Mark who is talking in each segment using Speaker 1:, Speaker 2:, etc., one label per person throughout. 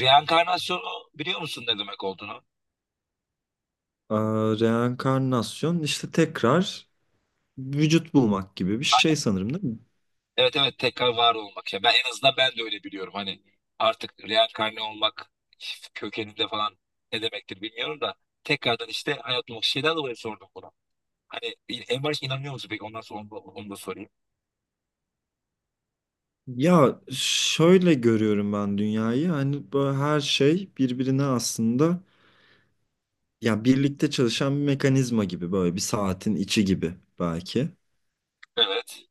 Speaker 1: Reenkarnasyonu biliyor musun ne demek olduğunu?
Speaker 2: Ee, reenkarnasyon işte tekrar vücut bulmak gibi bir şey
Speaker 1: Aynen.
Speaker 2: sanırım değil mi?
Speaker 1: Evet, tekrar var olmak ya. Ben en azından ben de öyle biliyorum. Hani artık reenkarne olmak kökeninde falan ne demektir bilmiyorum da tekrardan işte hayat olmak şeyden dolayı sordum bunu. Hani en başta inanıyor musun peki? Ondan sonra onu da sorayım.
Speaker 2: Ya şöyle görüyorum ben dünyayı, hani böyle her şey birbirine aslında, ya birlikte çalışan bir mekanizma gibi, böyle bir saatin içi gibi belki.
Speaker 1: Evet.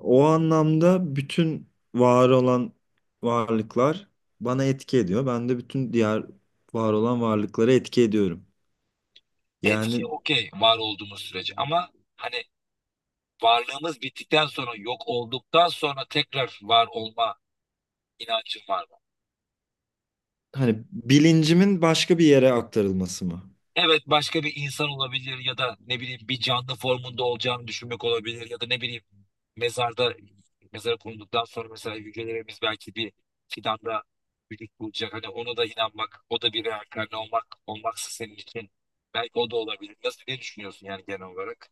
Speaker 2: O anlamda bütün var olan varlıklar bana etki ediyor. Ben de bütün diğer var olan varlıklara etki ediyorum.
Speaker 1: Etki
Speaker 2: Yani
Speaker 1: okey, var olduğumuz sürece ama hani varlığımız bittikten sonra, yok olduktan sonra tekrar var olma inancın var mı?
Speaker 2: hani bilincimin başka bir yere aktarılması mı?
Speaker 1: Evet, başka bir insan olabilir ya da ne bileyim bir canlı formunda olacağını düşünmek olabilir ya da ne bileyim mezarda, mezara konulduktan sonra mesela hücrelerimiz belki bir fidanda vücut bulacak. Hani ona da inanmak, o da bir reenkarne olmak, olmaksa senin için belki o da olabilir. Nasıl, ne düşünüyorsun yani genel olarak?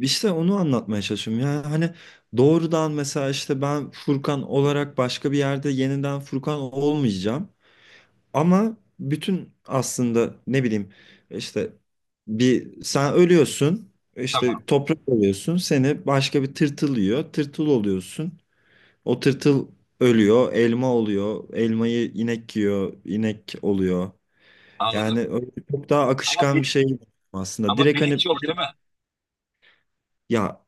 Speaker 2: İşte onu anlatmaya çalışıyorum. Yani hani doğrudan mesela işte ben Furkan olarak başka bir yerde yeniden Furkan olmayacağım. Ama bütün aslında, ne bileyim, işte bir sen ölüyorsun, işte
Speaker 1: Tamam,
Speaker 2: toprak oluyorsun, seni başka bir tırtıl yiyor, tırtıl oluyorsun. O tırtıl ölüyor, elma oluyor, elmayı inek yiyor, inek oluyor.
Speaker 1: anladım.
Speaker 2: Yani öyle çok daha
Speaker 1: Ama
Speaker 2: akışkan bir
Speaker 1: bil-
Speaker 2: şey aslında.
Speaker 1: Ama
Speaker 2: Direkt hani.
Speaker 1: bilinç yok değil mi?
Speaker 2: Ya,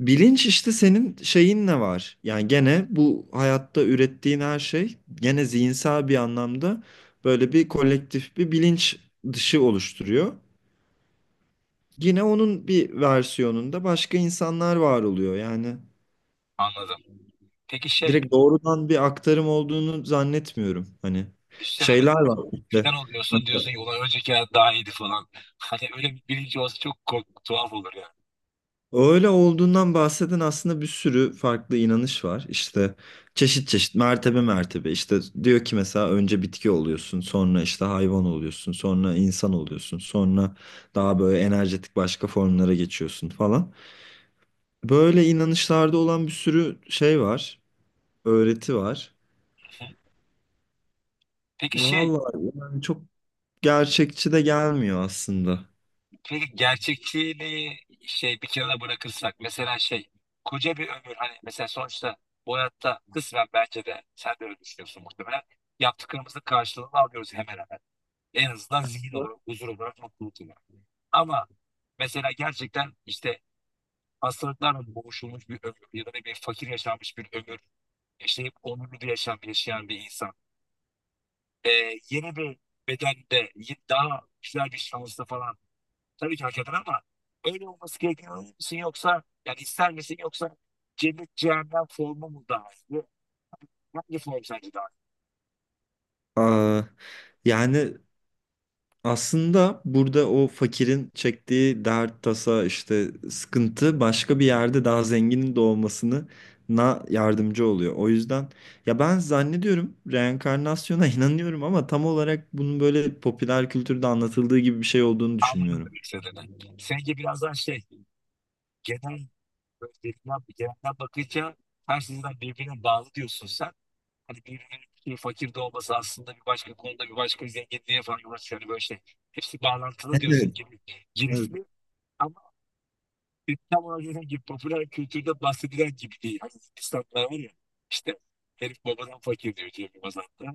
Speaker 2: bilinç işte senin şeyin ne var? Yani gene bu hayatta ürettiğin her şey gene zihinsel bir anlamda böyle bir kolektif bir bilinç dışı oluşturuyor. Yine onun bir versiyonunda başka insanlar var oluyor. Yani
Speaker 1: Anladım. Peki şey,
Speaker 2: direkt doğrudan bir aktarım olduğunu zannetmiyorum. Hani
Speaker 1: düşünsene
Speaker 2: şeyler
Speaker 1: mesela
Speaker 2: var işte.
Speaker 1: fidan oluyorsun, diyorsun ki ulan önceki hayat daha iyiydi falan. Hani öyle bir bilinci olsa çok tuhaf olur yani.
Speaker 2: Öyle olduğundan bahseden aslında bir sürü farklı inanış var. İşte çeşit çeşit, mertebe mertebe, işte diyor ki mesela önce bitki oluyorsun, sonra işte hayvan oluyorsun, sonra insan oluyorsun, sonra daha böyle enerjetik başka formlara geçiyorsun falan. Böyle inanışlarda olan bir sürü şey var, öğreti var.
Speaker 1: Peki şey,
Speaker 2: Vallahi yani çok gerçekçi de gelmiyor aslında.
Speaker 1: peki gerçekçiliği şey bir kenara bırakırsak, mesela şey koca bir ömür, hani mesela sonuçta bu hayatta kısmen, bence de sen de öyle düşünüyorsun muhtemelen, yaptıklarımızın karşılığını alıyoruz hemen hemen. En azından zihin olarak, huzur olarak, mutluluk olarak. Ama mesela gerçekten işte hastalıklarla boğuşulmuş bir ömür ya da ne bir fakir yaşanmış bir ömür yaşayıp onurlu bir yaşam yaşayan bir insan. Ee, yeni bir bedende daha güzel bir şansla falan, tabii ki hak eder ama öyle olması gerekiyor musun, yoksa yani ister misin, yoksa cennet cehennem formu mu daha iyi? Hangi form sence daha iyi?
Speaker 2: Aa, yani aslında burada o fakirin çektiği dert, tasa, işte sıkıntı, başka bir yerde daha zenginin doğmasına yardımcı oluyor. O yüzden ya ben zannediyorum reenkarnasyona inanıyorum, ama tam olarak bunun böyle popüler kültürde anlatıldığı gibi bir şey olduğunu
Speaker 1: Anladım
Speaker 2: düşünmüyorum.
Speaker 1: demek istediğini. Seninki biraz daha şey, genel, böyle birbirinden, genelden bakınca her şeyden birbirine bağlı diyorsun sen. Hani birbirinin, bir fakir de olması aslında bir başka konuda bir başka zenginliğe falan yol. Hani böyle şey, hepsi bağlantılı
Speaker 2: Evet,
Speaker 1: diyorsun,
Speaker 2: evet.
Speaker 1: girifli, ama tam ona gibi popüler kültürde bahsedilen gibi değil. Hani İnsanlar var ya işte, herif babadan fakir diyor Cem Yılmaz hatta.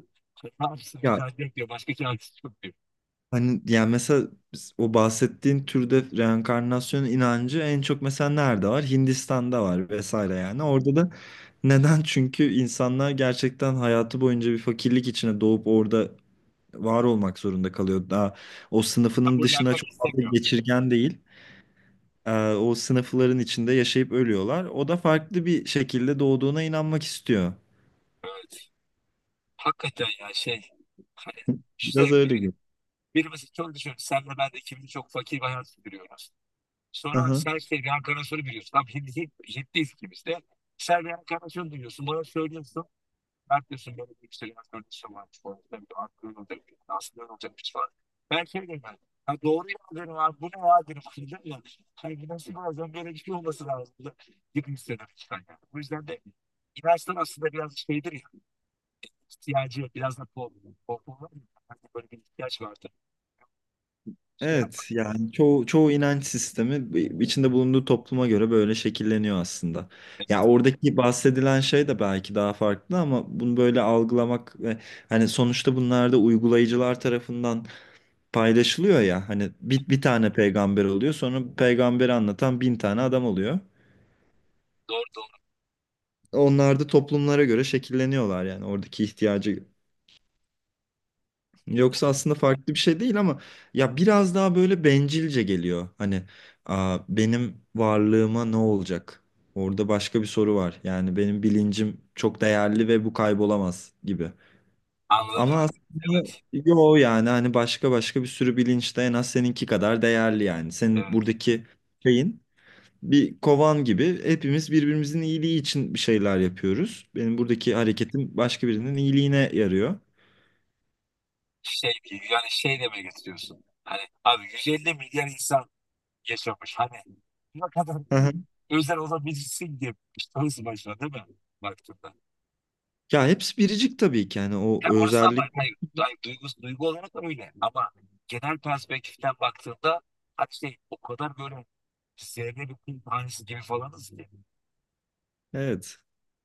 Speaker 1: Ne yapsın,
Speaker 2: Ya.
Speaker 1: inancı yok diyor. Başka çaresi yok diyor.
Speaker 2: Hani yani mesela o bahsettiğin türde reenkarnasyon inancı en çok mesela nerede var? Hindistan'da var vesaire yani. Orada da neden? Çünkü insanlar gerçekten hayatı boyunca bir fakirlik içine doğup orada var olmak zorunda kalıyor. Daha o sınıfının dışına
Speaker 1: Kabullenmek
Speaker 2: çok fazla
Speaker 1: istemiyor.
Speaker 2: geçirgen değil. O sınıfların içinde yaşayıp ölüyorlar. O da farklı bir şekilde doğduğuna inanmak istiyor.
Speaker 1: Evet. Hakikaten ya şey, hani işte
Speaker 2: Biraz öyle
Speaker 1: birimiz çok düşün. Senle ben de, ikimiz de çok fakir bir hayat sürüyoruz. Sonra
Speaker 2: gibi.
Speaker 1: sen şey, reenkarnasyonu biliyorsun. Tam Hintliyiz ikimiz de. Sen reenkarnasyonu duyuyorsun. Bana söylüyorsun. Herkesin böyle bir yükselen öncesi var. Orada bir aklın olacak, bir aslında olacak bir şey var. Ben şey dedim ben. Ha doğru ya, dedim abi bu ne ya dedim. Dedim ya. Hani bu nasıl, bazen böyle bir şey olması lazım da gibi hissederek çıkan yani. Bu yüzden de inançlar aslında biraz şeydir ya. İhtiyacı biraz da pol. Pol pol var ya. Hani böyle bir ihtiyaç vardı. Şey yapmak.
Speaker 2: Evet yani çoğu inanç sistemi içinde bulunduğu topluma göre böyle şekilleniyor aslında. Ya oradaki bahsedilen şey de belki daha farklı, ama bunu böyle algılamak ve hani sonuçta bunlar da uygulayıcılar tarafından paylaşılıyor ya. Hani bir tane peygamber oluyor, sonra peygamberi anlatan bin tane adam oluyor.
Speaker 1: Doğru doğru.
Speaker 2: Onlar da toplumlara göre şekilleniyorlar, yani oradaki ihtiyacı. Yoksa aslında farklı bir şey değil ama ya biraz daha böyle bencilce geliyor. Hani Aa, benim varlığıma ne olacak? Orada başka bir soru var. Yani benim bilincim çok değerli ve bu kaybolamaz gibi.
Speaker 1: Anladım
Speaker 2: Ama
Speaker 1: demek.
Speaker 2: aslında
Speaker 1: Evet.
Speaker 2: yo, yani hani başka başka bir sürü bilinç de en az seninki kadar değerli yani. Senin
Speaker 1: Evet.
Speaker 2: buradaki şeyin bir kovan gibi, hepimiz birbirimizin iyiliği için bir şeyler yapıyoruz. Benim buradaki hareketim başka birinin iyiliğine yarıyor.
Speaker 1: Şey, yani şey demeye getiriyorsun. Hani abi 150 milyar insan yaşamış. Hani ne kadar özel olabilirsin diye, tanısı başına değil mi? Baktığında.
Speaker 2: Ya hepsi biricik tabii ki, yani o
Speaker 1: Ya orası, ama
Speaker 2: özellik.
Speaker 1: hayır, hayır, duygu olarak da öyle. Ama genel perspektiften baktığında hani şey, o kadar böyle zerre, bir kum tanesi gibi falanız ki.
Speaker 2: Evet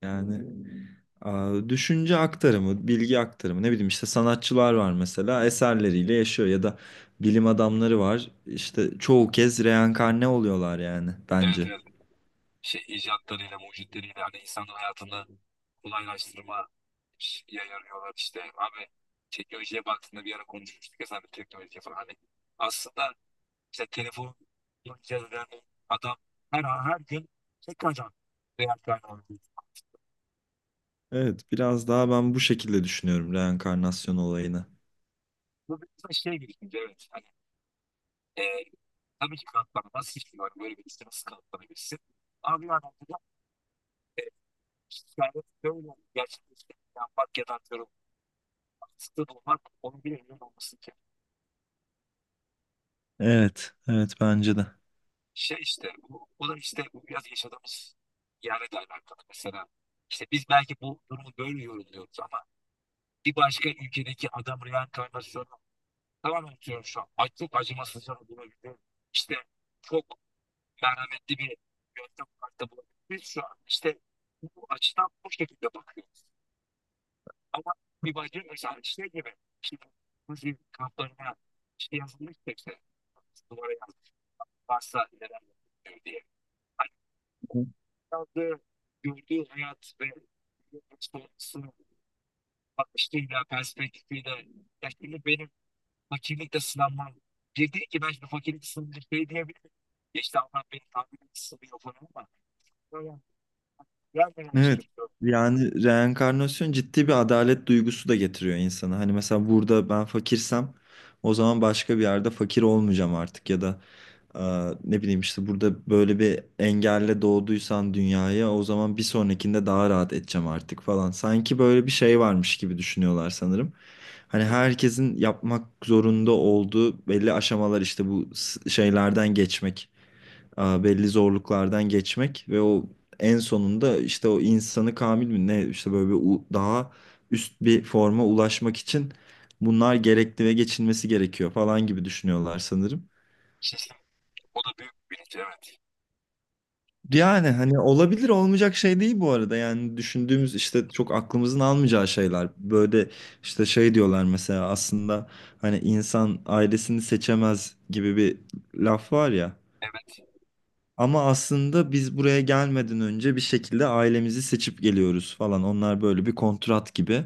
Speaker 2: yani düşünce aktarımı, bilgi aktarımı, ne bileyim, işte sanatçılar var mesela eserleriyle yaşıyor ya da bilim adamları var, işte çoğu kez reenkarne oluyorlar yani
Speaker 1: Evet
Speaker 2: bence.
Speaker 1: evet. Şey, icatlarıyla, mucitleriyle hani insanın hayatını kolaylaştırma ya yarıyorlar işte. Abi, teknolojiye baktığında, bir ara konuşmuştuk ya sen de teknolojiye falan, hani aslında İşte telefon yapacağız yani, adam her an her gün tek ajan real kaynağı.
Speaker 2: Evet biraz daha ben bu şekilde düşünüyorum reenkarnasyon olayını.
Speaker 1: Bu biraz da şey, birikince evet. Hani, e, tabii ki kanıtlanamaz hiçbir var. Böyle bir işte nasıl kanıtlanabilirsin? Abi yani burada hikaye böyle gerçekleşti. Yapmak ya da atıyorum. Haksızlığı bulmak onun bir emin olması ki.
Speaker 2: Evet, evet, bence de.
Speaker 1: Şey işte bu da işte, bu biraz yaşadığımız yerle de alakalı. Mesela işte biz belki bu durumu böyle yorumluyoruz ama bir başka ülkedeki adam reenkarnasyonu tamamen atıyorum şu an. Ay, çok acımasızca bulabildim. İşte çok merhametli bir yöntem kartı bulabildim. Biz şu an işte bu açıdan bu şekilde bakıyoruz. Ama bir bacı mesela şey gibi, işte Nazi kamplarına işte yazılmış, işte duvara yazmış varsa neler yapıyor diye. Hani o yazdığı, gördüğü hayat ve bakışıyla, perspektifiyle, ya şimdi benim fakirlikle sınanmam. Bir değil ki ben şimdi fakirlik sınırında şey diyebilirim. Ya işte Allah beni tahmin etmiş sınıyor falan ama. Böyle gelmeden
Speaker 2: Evet.
Speaker 1: çekiliyorum.
Speaker 2: Yani reenkarnasyon ciddi bir adalet duygusu da getiriyor insana. Hani mesela burada ben fakirsem o zaman başka bir yerde fakir olmayacağım artık, ya da e, ne bileyim, işte burada böyle bir engelle doğduysan dünyaya, o zaman bir sonrakinde daha rahat edeceğim artık falan. Sanki böyle bir şey varmış gibi düşünüyorlar sanırım. Hani herkesin yapmak zorunda olduğu belli aşamalar, işte bu şeylerden geçmek, belli zorluklardan geçmek ve o en sonunda işte o insanı kamil mi ne, işte böyle bir daha üst bir forma ulaşmak için bunlar gerekli ve geçilmesi gerekiyor falan gibi düşünüyorlar sanırım.
Speaker 1: İşte o da büyük bir bilinç, evet.
Speaker 2: Yani hani olabilir, olmayacak şey değil bu arada yani, düşündüğümüz işte çok aklımızın almayacağı şeyler böyle. İşte şey diyorlar mesela, aslında hani insan ailesini seçemez gibi bir laf var ya.
Speaker 1: Evet.
Speaker 2: Ama aslında biz buraya gelmeden önce bir şekilde ailemizi seçip geliyoruz falan. Onlar böyle bir kontrat gibi.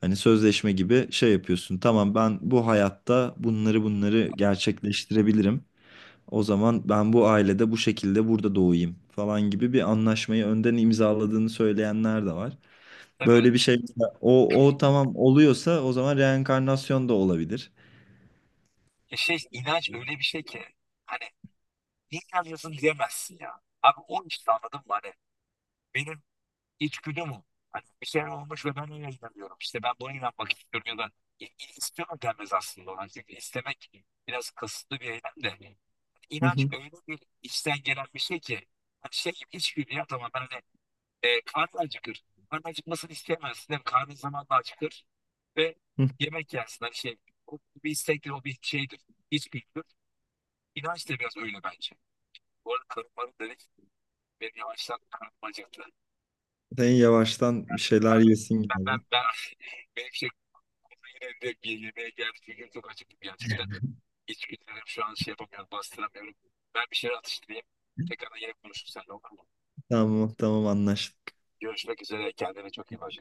Speaker 2: Hani sözleşme gibi şey yapıyorsun. Tamam, ben bu hayatta bunları bunları gerçekleştirebilirim. O zaman ben bu ailede bu şekilde burada doğayım falan gibi bir anlaşmayı önden imzaladığını söyleyenler de var.
Speaker 1: Tabii
Speaker 2: Böyle
Speaker 1: öyle.
Speaker 2: bir şey o tamam oluyorsa, o zaman reenkarnasyon da olabilir.
Speaker 1: Ya şey, inanç öyle bir şey ki. Hani ne inanıyorsun diyemezsin ya. Abi o işte, anladın mı? Hani benim içgüdüm o. Hani bir şey olmuş ve ben öyle inanıyorum. İşte ben buna inanmak istiyorum, ya da i- i- istiyorum denmez aslında ona. Çünkü istemek biraz kasıtlı bir eylem de.
Speaker 2: Hı
Speaker 1: İnanç
Speaker 2: hı,
Speaker 1: öyle bir içten gelen bir şey ki, hani şey gibi, içgüdü ya. Tamam, ben hani, karnı acıkır. Karnı acıkmasını isteyemezsin değil mi? Karnın zamanla acıkır ve
Speaker 2: hı.
Speaker 1: yemek yersin. Hani şey, o bir istektir, o bir şeydir. İçgüdüdür. İnanç da biraz öyle bence. Bu arada karım bana dedi ki benim yavaştan karnım acıktı.
Speaker 2: Sen yavaştan bir
Speaker 1: Ben,
Speaker 2: şeyler yesin
Speaker 1: ben, ben,
Speaker 2: gibi.
Speaker 1: ben benim şey yine direkt bir yemeğe geldi. Çünkü çok acıktım gerçekten. İçgüdülerim şu an, şey yapamıyorum, bastıramıyorum. Ben bir şeyler atıştırayım. Tekrardan yine konuşuruz seninle, olur mu?
Speaker 2: Tamam, tamam, anlaştık.
Speaker 1: Görüşmek üzere. Kendine çok iyi bak.